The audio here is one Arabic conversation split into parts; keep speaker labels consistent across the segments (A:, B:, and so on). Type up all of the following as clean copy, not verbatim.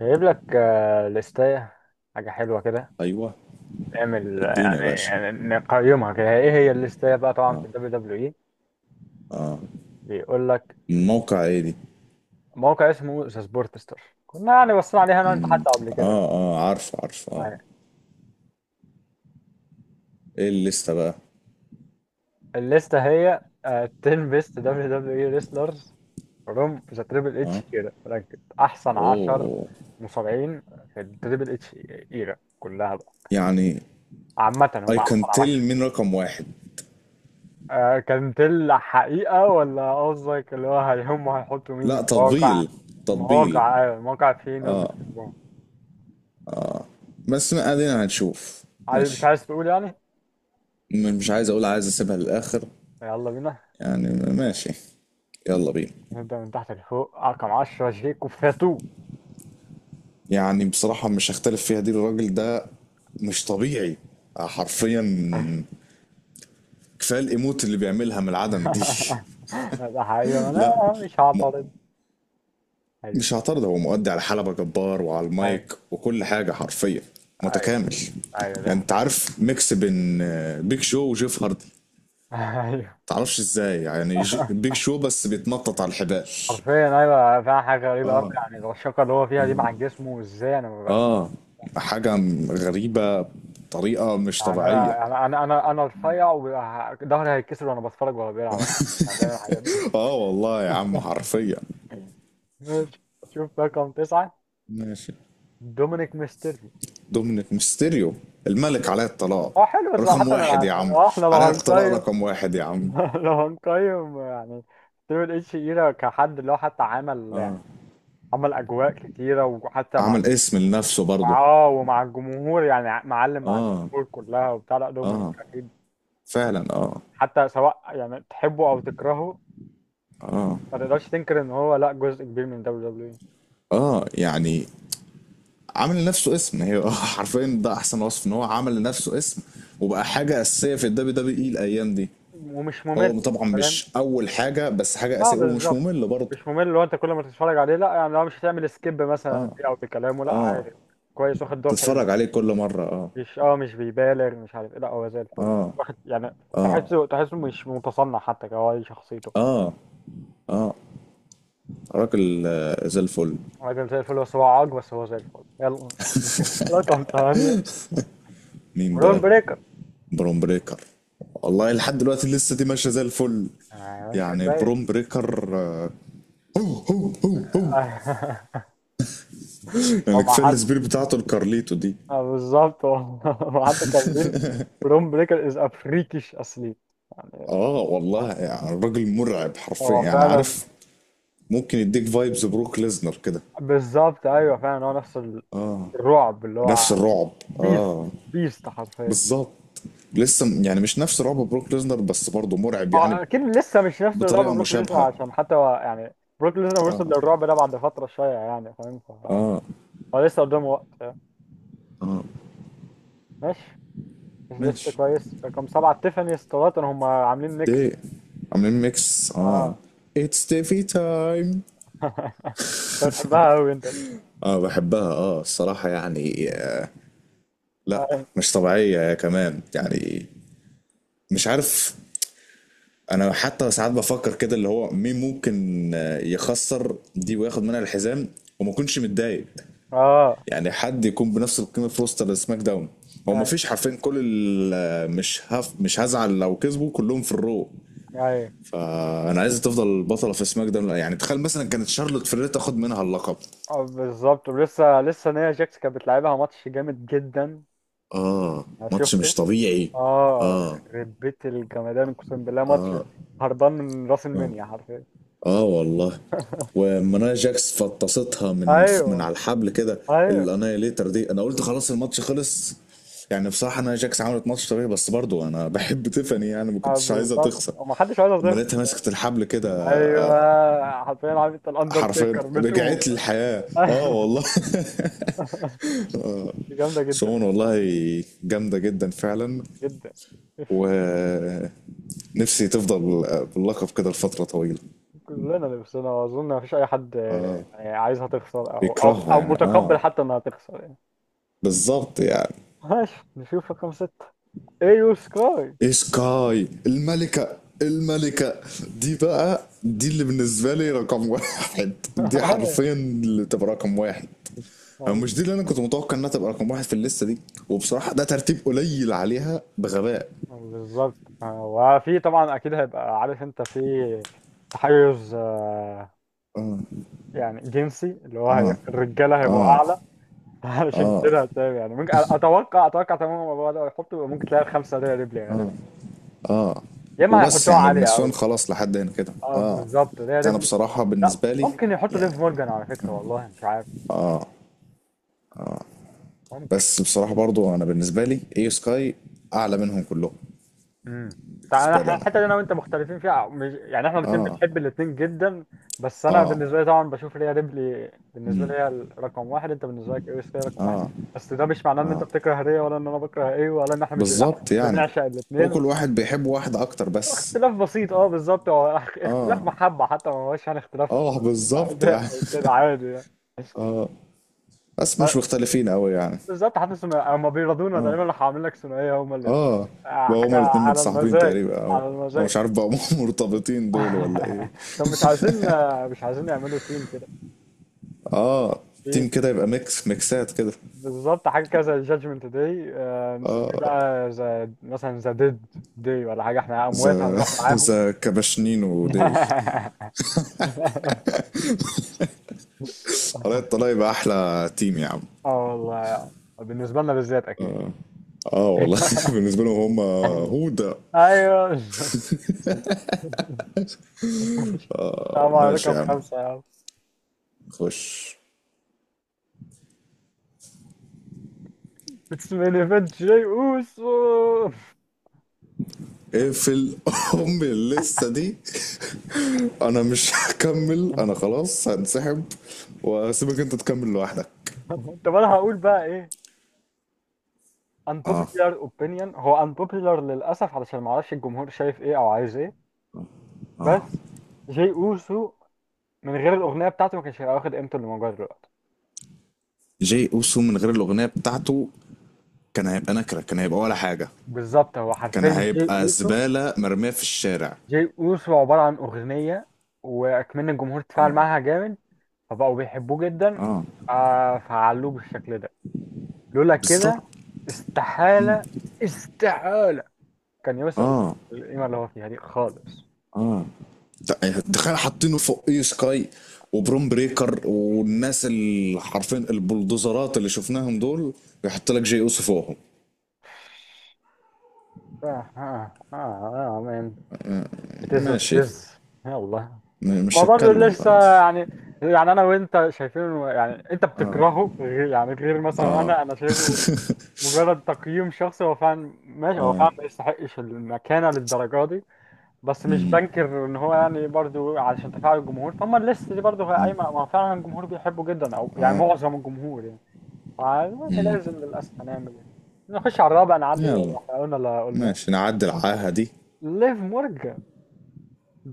A: هجيب لك لستاية حاجة حلوة كده.
B: ايوه،
A: اعمل
B: اديني يا
A: يعني
B: باشا.
A: يعني نقيمها كده. ايه هي الليستاية بقى؟ طبعا في الدبليو دبليو اي بيقول لك.
B: من موقع ايه دي؟
A: موقع اسمه ذا سبورتستر. كنا يعني بصينا عليها انا وانت حتى قبل كده
B: اه، اه، عارف عارف، اه.
A: يعني.
B: ايه الليسته بقى؟
A: الليستة هي 10 بيست دبليو دبليو اي ريسلرز فروم ذا تريبل
B: اه.
A: اتش ايرا، رانكد احسن 10
B: اوه.
A: مصارعين في التريبل اتش ايرا كلها بقى.
B: يعني
A: عامة هم
B: اي
A: احسن.
B: كان تيل من رقم واحد؟
A: كانت الحقيقة ولا قصدك اللي هو هيهم هيحطوا مين في مين
B: لا،
A: المواقع؟
B: تطبيل.
A: مين
B: تطبيل.
A: المواقع؟ المواقع فيه ناس بتحبهم.
B: بس ما ادينا هنشوف.
A: مش
B: ماشي.
A: عايز تقول يعني.
B: مش عايز اقول، عايز اسيبها للاخر.
A: يلا بينا
B: يعني ماشي. يلا بينا.
A: نبدأ من تحت لفوق. رقم 10 شيكو فاتو.
B: يعني بصراحة مش هختلف فيها دي. الراجل ده مش طبيعي حرفيا. كفاية الايموت اللي بيعملها من العدم دي.
A: ده حقيقة أنا
B: لا.
A: مش
B: م-
A: هعترض. أيوه.
B: مش هعترض. هو مؤدي على حلبة جبار وعلى
A: أيوه.
B: المايك وكل حاجة حرفيا.
A: أيوه.
B: متكامل.
A: أيوه ده
B: يعني انت
A: حقيقة.
B: عارف ميكس بين بيج شو وجيف هاردي.
A: أيوه
B: متعرفش ازاي يعني بيج شو بس بيتنطط على الحبال.
A: حرفيا أيوه، فيها حاجة غريبة أوي، يعني الرشاقة اللي هو فيها دي مع جسمه إزاي، أنا
B: اه. حاجة غريبة بطريقة مش
A: يعني
B: طبيعية.
A: انا رفيع وظهري هيتكسر وانا بتفرج وهو بيلعب، يعني بيعمل الحاجات دي.
B: اه والله يا عم حرفيا.
A: ماشي. شوف رقم تسعة.
B: ماشي.
A: دومينيك ميستيريو.
B: دومينيك ميستيريو. الملك علاء الطلاق.
A: اه حلو، بس
B: رقم
A: حتى انا
B: واحد
A: يعني
B: يا عم.
A: احنا لو
B: علاء الطلاق
A: هنقيم.
B: رقم واحد يا عم.
A: لو هنقيم يعني تريبل اتش ايرا كحد اللي هو حتى عمل اجواء كتيرة، وحتى مع
B: عمل اسم لنفسه برضه.
A: اه ومع الجمهور يعني معلم، مع
B: اه.
A: الجمهور كلها وبتاع. لا دومينيك
B: اه
A: اكيد،
B: فعلا اه.
A: حتى سواء يعني تحبه او تكرهه
B: اه.
A: ما تقدرش تنكر ان هو لا جزء كبير من دبليو دبليو
B: اه. يعني عمل لنفسه اسم هي. حرفيا ده احسن وصف ان هو عمل لنفسه اسم. وبقى حاجه اساسيه في الدبليو دبليو اي الايام دي.
A: ومش ممل.
B: هو طبعا
A: فاهم؟
B: مش اول حاجه بس حاجه
A: اه
B: اساسيه ومش
A: بالظبط.
B: ممل برضه.
A: مش ممل لو انت كل ما تتفرج عليه، لا يعني لو مش هتعمل سكيب مثلا فيه او في كلامه، لا عادي كويس واخد دور حلو.
B: تتفرج عليه كل مره اه.
A: مش بيبالغ، مش عارف ايه، لا هو زي الفل
B: اه.
A: واخد يعني. تحسه مش متصنع، حتى هو دي شخصيته. فاهم؟
B: اه. اه. راجل زي الفل.
A: راجل زي الفل، بس هو عاج، بس هو زي الفل. يلا نشوف رقم ثمانية.
B: مين
A: برون
B: بقى؟
A: بريكر.
B: بروم بريكر. والله لحد دلوقتي لسه دي ماشيه زي الفل.
A: ماشي
B: يعني
A: كويس.
B: بروم بريكر هو.
A: هو
B: يعني
A: مع
B: كفايه
A: حد.
B: السبير بتاعته الكارليتو دي.
A: بالظبط هو مع حد كان. برون بريكر از افريكيش اصلي يعني.
B: اه والله يعني الراجل مرعب حرفيا
A: هو
B: يعني
A: فعلا،
B: عارف. ممكن يديك فايبز بروك ليزنر كده.
A: بالظبط ايوه فعلا، هو نفس الرعب اللي هو.
B: نفس الرعب.
A: بيست.
B: اه
A: بيست حرفيا.
B: بالظبط. لسه يعني مش نفس رعب بروك ليزنر بس برضه مرعب يعني.
A: اه اكيد لسه مش نفس الرعب
B: بطريقة
A: بروك ليزنر،
B: مشابهة.
A: عشان حتى هو يعني بروك ليزنر وصل للرعب ده بعد فتره شويه يعني. فاهم؟ هو لسه قدامه وقت يعني. ماشي، مش لسه
B: ماشي.
A: كويس. رقم سبعه تيفاني ستراتون، هم عاملين
B: دي
A: ميكس.
B: عاملين ميكس اه.
A: اه
B: اتس تيفي تايم.
A: انت بتحبها قوي انت دي.
B: اه بحبها اه الصراحة يعني لا
A: اي
B: مش طبيعية يا كمان يعني. مش عارف. انا حتى ساعات بفكر كده اللي هو مين ممكن يخسر دي وياخد منها الحزام. وما يكونش متضايق.
A: اه
B: يعني حد يكون بنفس القيمه في روستر سماك داون. هو ما
A: اي
B: فيش حرفين كل مش هف مش هزعل لو كسبوا كلهم في الرو.
A: اي
B: انا عايز تفضل بطله في سماك داون. يعني تخيل مثلا كانت شارلوت فلير تاخد منها اللقب.
A: اه بالظبط، ولسه لسه نيا جاكس كانت بتلعبها ماتش جامد جدا.
B: اه.
A: انا
B: ماتش مش
A: شفته.
B: طبيعي.
A: اه
B: اه.
A: يخرب بيت الجمدان، اقسم بالله ماتش هربان من راس
B: اه.
A: المنيا حرفيا.
B: اه والله. ومنايا جاكس فطستها من
A: ايوه.
B: على الحبل كده.
A: ايوه.
B: الانايليتر دي انا قلت خلاص الماتش خلص. يعني بصراحه انا جاكس عملت ماتش طبيعي بس برضو انا بحب تيفاني يعني ما كنتش عايزها
A: بالظبط،
B: تخسر.
A: وما حدش عايز
B: اما
A: يخسر.
B: لقيتها مسكت الحبل كده
A: ايوه حرفيا، عارف انت
B: حرفيا
A: الاندرتيكر بتقوم.
B: رجعت لي الحياه اه والله.
A: جامده جدا
B: سون
A: الصراحة،
B: والله. جامده جدا فعلا.
A: جدا.
B: ونفسي تفضل باللقب كده لفتره طويله.
A: كلنا لبسنا، واظن ما فيش اي حد يعني عايزها تخسر او او
B: بيكرهها
A: او
B: يعني
A: متقبل
B: اه.
A: حتى انها تخسر يعني.
B: بالظبط يعني.
A: ماشي نشوف رقم ستة. ايو سكاي.
B: إيه سكاي الملكة الملكة. دي بقى دي اللي بالنسبة لي رقم واحد. دي حرفيا اللي تبقى رقم واحد. أو مش دي اللي أنا كنت متوقع إنها تبقى رقم واحد في الليستة دي. وبصراحة ده ترتيب قليل عليها بغباء.
A: بالظبط. وفي طبعا اكيد هيبقى، عارف انت، في تحيز يعني جنسي، اللي هو الرجاله هيبقوا اعلى. علشان كده هتلاقي يعني ممكن اتوقع تماما الموضوع ده، يحطوا ممكن تلاقي الخمسه دي ريبلي غالبا، يا اما
B: وبس
A: هيحطوها
B: يعني
A: عاليه
B: النسوان
A: قوي.
B: خلاص لحد هنا كده
A: اه
B: اه.
A: بالظبط، ده
B: أنا
A: ريبلي.
B: بصراحة
A: لا
B: بالنسبة لي
A: ممكن يحطوا
B: يعني.
A: ليف مورجان، على فكره والله مش عارف. ممكن.
B: بس بصراحة برضو أنا بالنسبة لي إيه سكاي أعلى منهم كلهم.
A: امم تعالى
B: بالنسبة لي أنا.
A: الحته دي انا وانت مختلفين فيها، مش يعني احنا الاثنين بنحب الاثنين جدا. بس انا
B: اه
A: بالنسبه لي طبعا بشوف ريا ريبلي، بالنسبه لي هي رقم واحد، انت بالنسبه لك ايوه هي رقم واحد، بس ده مش معناه ان انت بتكره ريا، ولا ان انا بكره ايه، ولا ان احنا مش، إحنا
B: بالظبط يعني.
A: بنعشق
B: هو
A: الاثنين
B: كل
A: بس.
B: واحد بيحب واحد أكتر بس.
A: اختلاف بسيط، اه بالظبط هو اختلاف، اه محبه حتى، ما هوش يعني اختلاف
B: اه بالظبط
A: اداء
B: يعني.
A: او كده، عادي يعني.
B: بس مش مختلفين قوي يعني.
A: بالظبط، حتى ثنائية هم بيرضونا تقريبا، راح عاملين لك ثنائيه هم الاثنين،
B: اه. بقى
A: حاجه
B: هما الاتنين
A: على
B: متصاحبين
A: المزاج
B: تقريبا او
A: على
B: او
A: المزاج.
B: مش عارف بقى هما. مرتبطين دول ولا ايه.
A: طب مش عايزين يعملوا تيم كده
B: اه. تيم
A: في.
B: كده يبقى ميكس ميكسات كده.
A: بالظبط، حاجه كده زي جادجمنت داي، نسميه بقى زي مثلا ذا ديد داي ولا حاجه، احنا اموات
B: ذا
A: هنروح معاهم.
B: ذا كباشنين وديل. طلع يبقى احلى تيم يا عم.
A: اه والله يعني. بالنسبه لنا بالذات اكيد.
B: اه والله. بالنسبه لهم هما. هو ده.
A: ايوه. السلام
B: طب ماشي
A: عليكم.
B: يا عم.
A: خمسه يا عم،
B: خش.
A: اتس مين ايفنت جاي اوسو.
B: اقفل. ام اللسه دي. انا مش هكمل انا خلاص هنسحب. واسيبك انت تكمل لوحدك.
A: طب انا هقول بقى ايه؟
B: اه
A: unpopular opinion هو unpopular للأسف، علشان ما اعرفش الجمهور شايف ايه او عايز ايه، اه بس. جي اوسو من غير الأغنية بتاعته ما كانش هيبقى واخد قيمته اللي موجودة دلوقتي.
B: جاي اوسو من غير الاغنيه بتاعته كان هيبقى نكره. كان هيبقى ولا حاجه.
A: بالظبط، هو
B: كان
A: حرفيا جي
B: هيبقى
A: اوسو.
B: زباله مرميه في الشارع.
A: جي اوسو عبارة عن أغنية، وأكمن الجمهور تفاعل
B: اه
A: معاها جامد، فبقوا بيحبوه جدا، فعلوه بالشكل ده. لولا
B: بالظبط.
A: كده استحالة، استحالة كان يوصل
B: اه.
A: القيمة اللي هو فيها دي خالص.
B: تخيل حاطينه فوق اي سكاي وبروم بريكر والناس اللي حرفيا البلدوزرات اللي شفناهم دول. يحط لك جي اوسو فوقهم.
A: آه آه آه آه. بتز
B: ماشي.
A: وتتز. يلا. ما
B: مش
A: برضه
B: هتكلم
A: لسه
B: خلاص.
A: يعني انا وانت شايفين، يعني انت بتكرهه، غير مثلا انا شايفه مجرد تقييم شخصي. هو فعلا ماشي، هو فعلا ما يستحقش المكانه للدرجه دي، بس مش بنكر ان هو يعني برضه علشان تفاعل الجمهور، فما الليست دي برضه قايمه، ما فعلا الجمهور بيحبه جدا او يعني معظم الجمهور يعني. فيعني لازم، للاسف هنعمل ايه، نخش على الرابع، نعدي،
B: يلا.
A: احنا قلنا اللي قلناه.
B: ماشي نعدي العاهه دي.
A: ليف مورجان.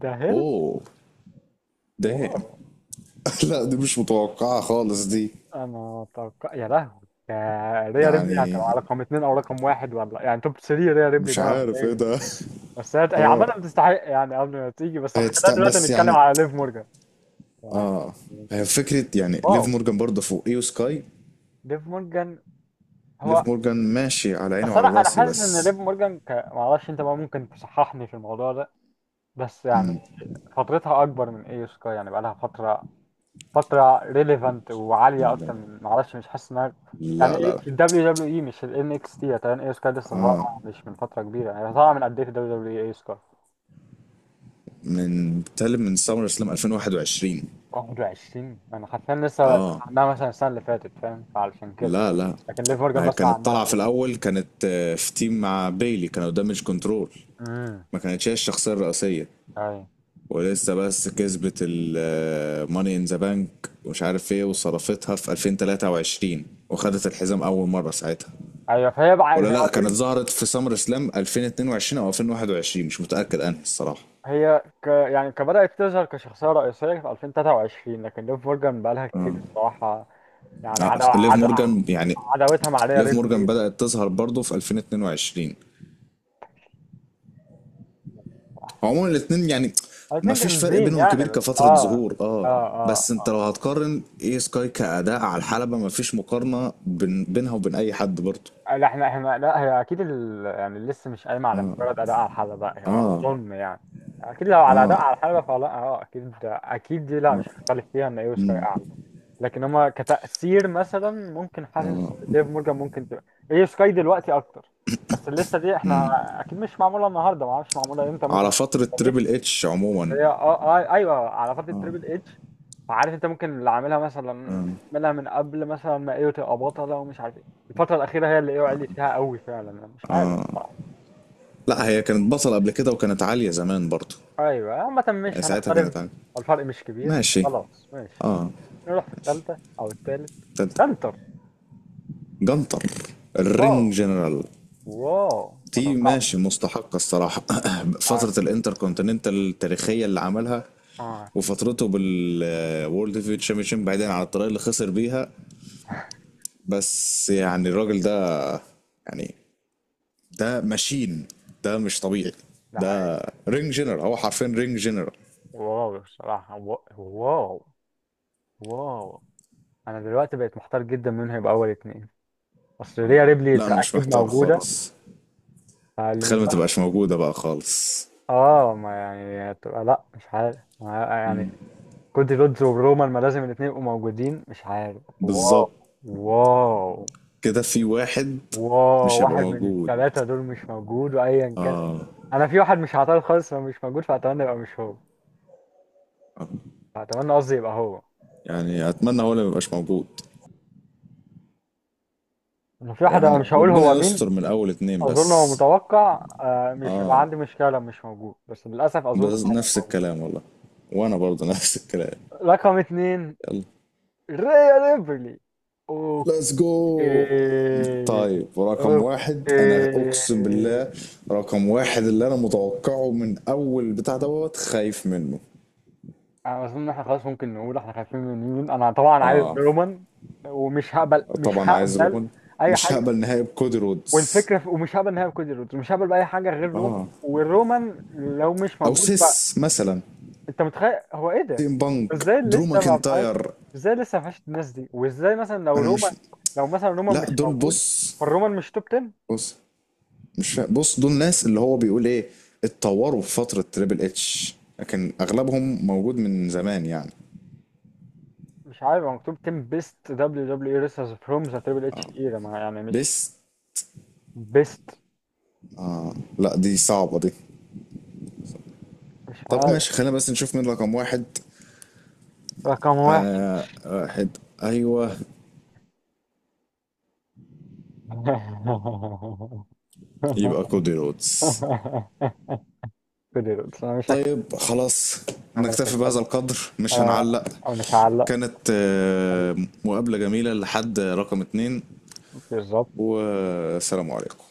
A: ده هيل.
B: اوه. دام.
A: واو.
B: لا دي مش متوقعه خالص دي.
A: انا اتوقع، يا لهوي، يا ريا ريبلي
B: يعني
A: هتبقى رقم اتنين او رقم واحد ولا إيه؟ يعني توب 3 ريا ريبلي
B: مش
A: ده
B: عارف ايه
A: مبدئيا.
B: ده.
A: بس هي عامة بتستحق يعني قبل ما تيجي، بس
B: هي
A: خلينا
B: تست...
A: دلوقتي
B: بس
A: نتكلم
B: يعني.
A: على ليف مورجان يعني.
B: هي فكرة يعني
A: واو
B: ليف مورجان برضه فوقيه وسكاي.
A: ليف مورجان. هو.
B: ليف مورجان ماشي على عيني
A: بس
B: وعلى
A: انا
B: راسي
A: حاسس ان
B: بس.
A: ليف مورجان ما اعرفش انت بقى، ممكن تصححني في الموضوع ده بس يعني. فترتها اكبر من اي سكاي، يعني بقى لها فترة ريليفنت وعالية أكتر من، معرفش، مش حاسس إنها يعني
B: لا لا
A: إيه
B: لا.
A: في ال WWE مش ال NXT تقريبا. إيه سكاي لسه طالعة مش من فترة كبيرة، يعني طالعة من قد إيه في ال WWE إيه سكاي؟
B: من بتكلم من سمر سلام 2021.
A: 21 أنا حرفيا لسه سامع
B: اه.
A: عنها مثلا السنة اللي فاتت. فاهم؟ فعلشان كده.
B: لا لا.
A: لكن ليف مورجان
B: ما هي
A: بسمع
B: كانت
A: عنها
B: طالعة في
A: بقالي.
B: الأول كانت في تيم مع بيلي كانوا دامج كنترول.
A: امم
B: ما كانتش هي الشخصية الرئيسية.
A: أيوه.
B: ولسه بس كسبت الماني ان ذا بانك ومش عارف ايه وصرفتها في 2023. وخدت الحزام أول مرة ساعتها.
A: أيوه فهي بقى
B: ولا
A: زي ما
B: لا
A: قلت
B: كانت
A: لي.
B: ظهرت في سمر سلام 2022 او 2021 مش متاكد انهي الصراحه.
A: هي ك يعني كبدأت تظهر كشخصية رئيسية في 2023، لكن ليف مورجان بقالها كتير الصراحة. يعني عدا
B: ليف
A: عدا
B: مورجان يعني.
A: عداوتها مع ريا
B: ليف مورجان
A: ريبلي.
B: بدات تظهر برضه في 2022. عموما الاثنين يعني ما
A: الاتنين
B: فيش فرق
A: جامدين
B: بينهم
A: يعني،
B: كبير
A: بس
B: كفتره ظهور
A: اه
B: اه.
A: اه
B: بس انت لو هتقارن اي سكاي كاداء على الحلبه ما فيش مقارنه بينها وبين اي حد برضه.
A: اه لا احنا لا، هي اكيد يعني لسه مش قايمه على مجرد اداء على الحلبه، هي ما
B: اه
A: اظن يعني. اكيد لو على اداء على الحلبه، فلا اكيد اكيد دي، لا مش هختلف فيها ان ايو سكاي اعلى. لكن هما كتأثير مثلا، ممكن حاسس ديف مورجان ممكن تبقى ايو سكاي دلوقتي اكتر. بس لسه دي، احنا اكيد مش معموله النهارده، ما اعرفش معموله امتى ممكن.
B: على فتره تريبل اتش
A: بس
B: عموما.
A: هي ايوه على فتره تريبل اتش، فعارف انت ممكن اللي عاملها من قبل مثلا، ما ايوه تبقى بطله ومش عارف ايه. الفتره الاخيره هي اللي ايوه عليت فيها قوي فعلا، انا مش عارف الصراحه.
B: لا هي كانت بطل قبل كده وكانت عاليه زمان برضه.
A: ايوه عامه
B: يعني
A: مش
B: ساعتها كانت
A: هنختلف،
B: عاليه.
A: الفرق مش كبير.
B: ماشي.
A: خلاص ماشي.
B: اه
A: نروح في الثالثه او الثالث.
B: انت
A: بنتر.
B: جنطر
A: واو.
B: الرينج جنرال.
A: واو ما
B: دي
A: توقعتش
B: ماشي مستحقة الصراحة.
A: اه
B: فترة الانتركونتيننتال التاريخية اللي عملها.
A: آه،
B: وفترته بالوورلد هيفيويت شامبيونشيب بعيدا عن الطريقة اللي خسر بيها. بس يعني الراجل ده يعني. ده ماشين. ده مش طبيعي.
A: ده حقيقي.
B: ده رينج جنرال. هو حرفيا رينج جنرال.
A: واو الصراحه، واو. واو انا دلوقتي بقيت محتار جدا مين هيبقى اول اتنين، اصل ريا ريبلي
B: لا انا مش
A: اكيد
B: محتار
A: موجوده.
B: خالص. تخيل
A: أعلم
B: ما
A: بقى.
B: تبقاش موجودة بقى خالص.
A: اه ما يعني هتبقى لا مش عارف يعني. كودي رودز وبرومان، ما لازم الاتنين يبقوا موجودين، مش عارف. واو.
B: بالظبط
A: واو.
B: كده في واحد
A: واو
B: مش هيبقى
A: واحد من
B: موجود.
A: التلاتة دول مش موجود، وأيا كان أنا في واحد مش هعترض خالص لو مش موجود، فأتمنى يبقى مش هو. فأتمنى، قصدي، يبقى هو.
B: يعني اتمنى هو اللي ما يبقاش موجود.
A: أنا في واحد أنا
B: يعني
A: مش هقول هو
B: ربنا
A: مين.
B: يستر من اول اتنين
A: أظن هو
B: بس.
A: متوقع، مش هيبقى عندي مشكلة لو مش موجود، بس للأسف أظن هو
B: بس نفس
A: موجود.
B: الكلام والله. وانا برضه نفس الكلام.
A: رقم اتنين
B: يلا.
A: ريا ريبلي. اوف.
B: ليتس جو.
A: إيه.
B: طيب رقم
A: أوه.
B: واحد انا اقسم
A: إيه.
B: بالله. رقم واحد اللي انا متوقعه من اول بتاع دوت خايف منه.
A: أنا أظن إن إحنا خلاص ممكن نقول إحنا خايفين من مين. أنا طبعا عايز
B: اه
A: رومان، ومش هقبل مش
B: طبعا عايز
A: هقبل
B: روبن.
A: أي
B: مش
A: حاجة.
B: هقبل نهائي بكودي رودز.
A: والفكرة ومش هقبل نهائي كودي رودز، مش هقبل بأي حاجة غير رومان،
B: اه
A: والرومان لو مش
B: او
A: موجود بقى.
B: سيس مثلا.
A: أنت متخيل هو إيه ده؟
B: سيم بانك
A: إزاي
B: درو
A: لسه ما بقاش،
B: ماكنتاير.
A: إزاي لسه ما فيهاش الناس دي؟ وإزاي مثلا
B: انا مش
A: لو مثلا رومان مش
B: لا دول
A: موجود،
B: بص.
A: فالرومان مش توب 10.
B: بص مش فاهم بص دول ناس اللي هو بيقول ايه اتطوروا في فترة تريبل اتش لكن اغلبهم موجود من زمان يعني.
A: مش عارف هو مكتوب 10 بيست دبليو دبليو اي ريسرز فروم ذا تريبل اتش ايرا، ما يعني مش
B: بس.
A: بيست.
B: لا دي صعبة دي.
A: مش
B: طب
A: عارف.
B: ماشي خلينا بس نشوف مين رقم واحد.
A: رقم واحد.
B: آه واحد. ايوه. يبقى كودي رودز.
A: كده، بس انا مش هك...
B: طيب خلاص.
A: انا مش
B: نكتفي
A: هك...
B: بهذا القدر مش
A: انا
B: هنعلق.
A: أنا مش هعلق.
B: كانت مقابلة جميلة لحد رقم اتنين.
A: بالظبط.
B: والسلام عليكم.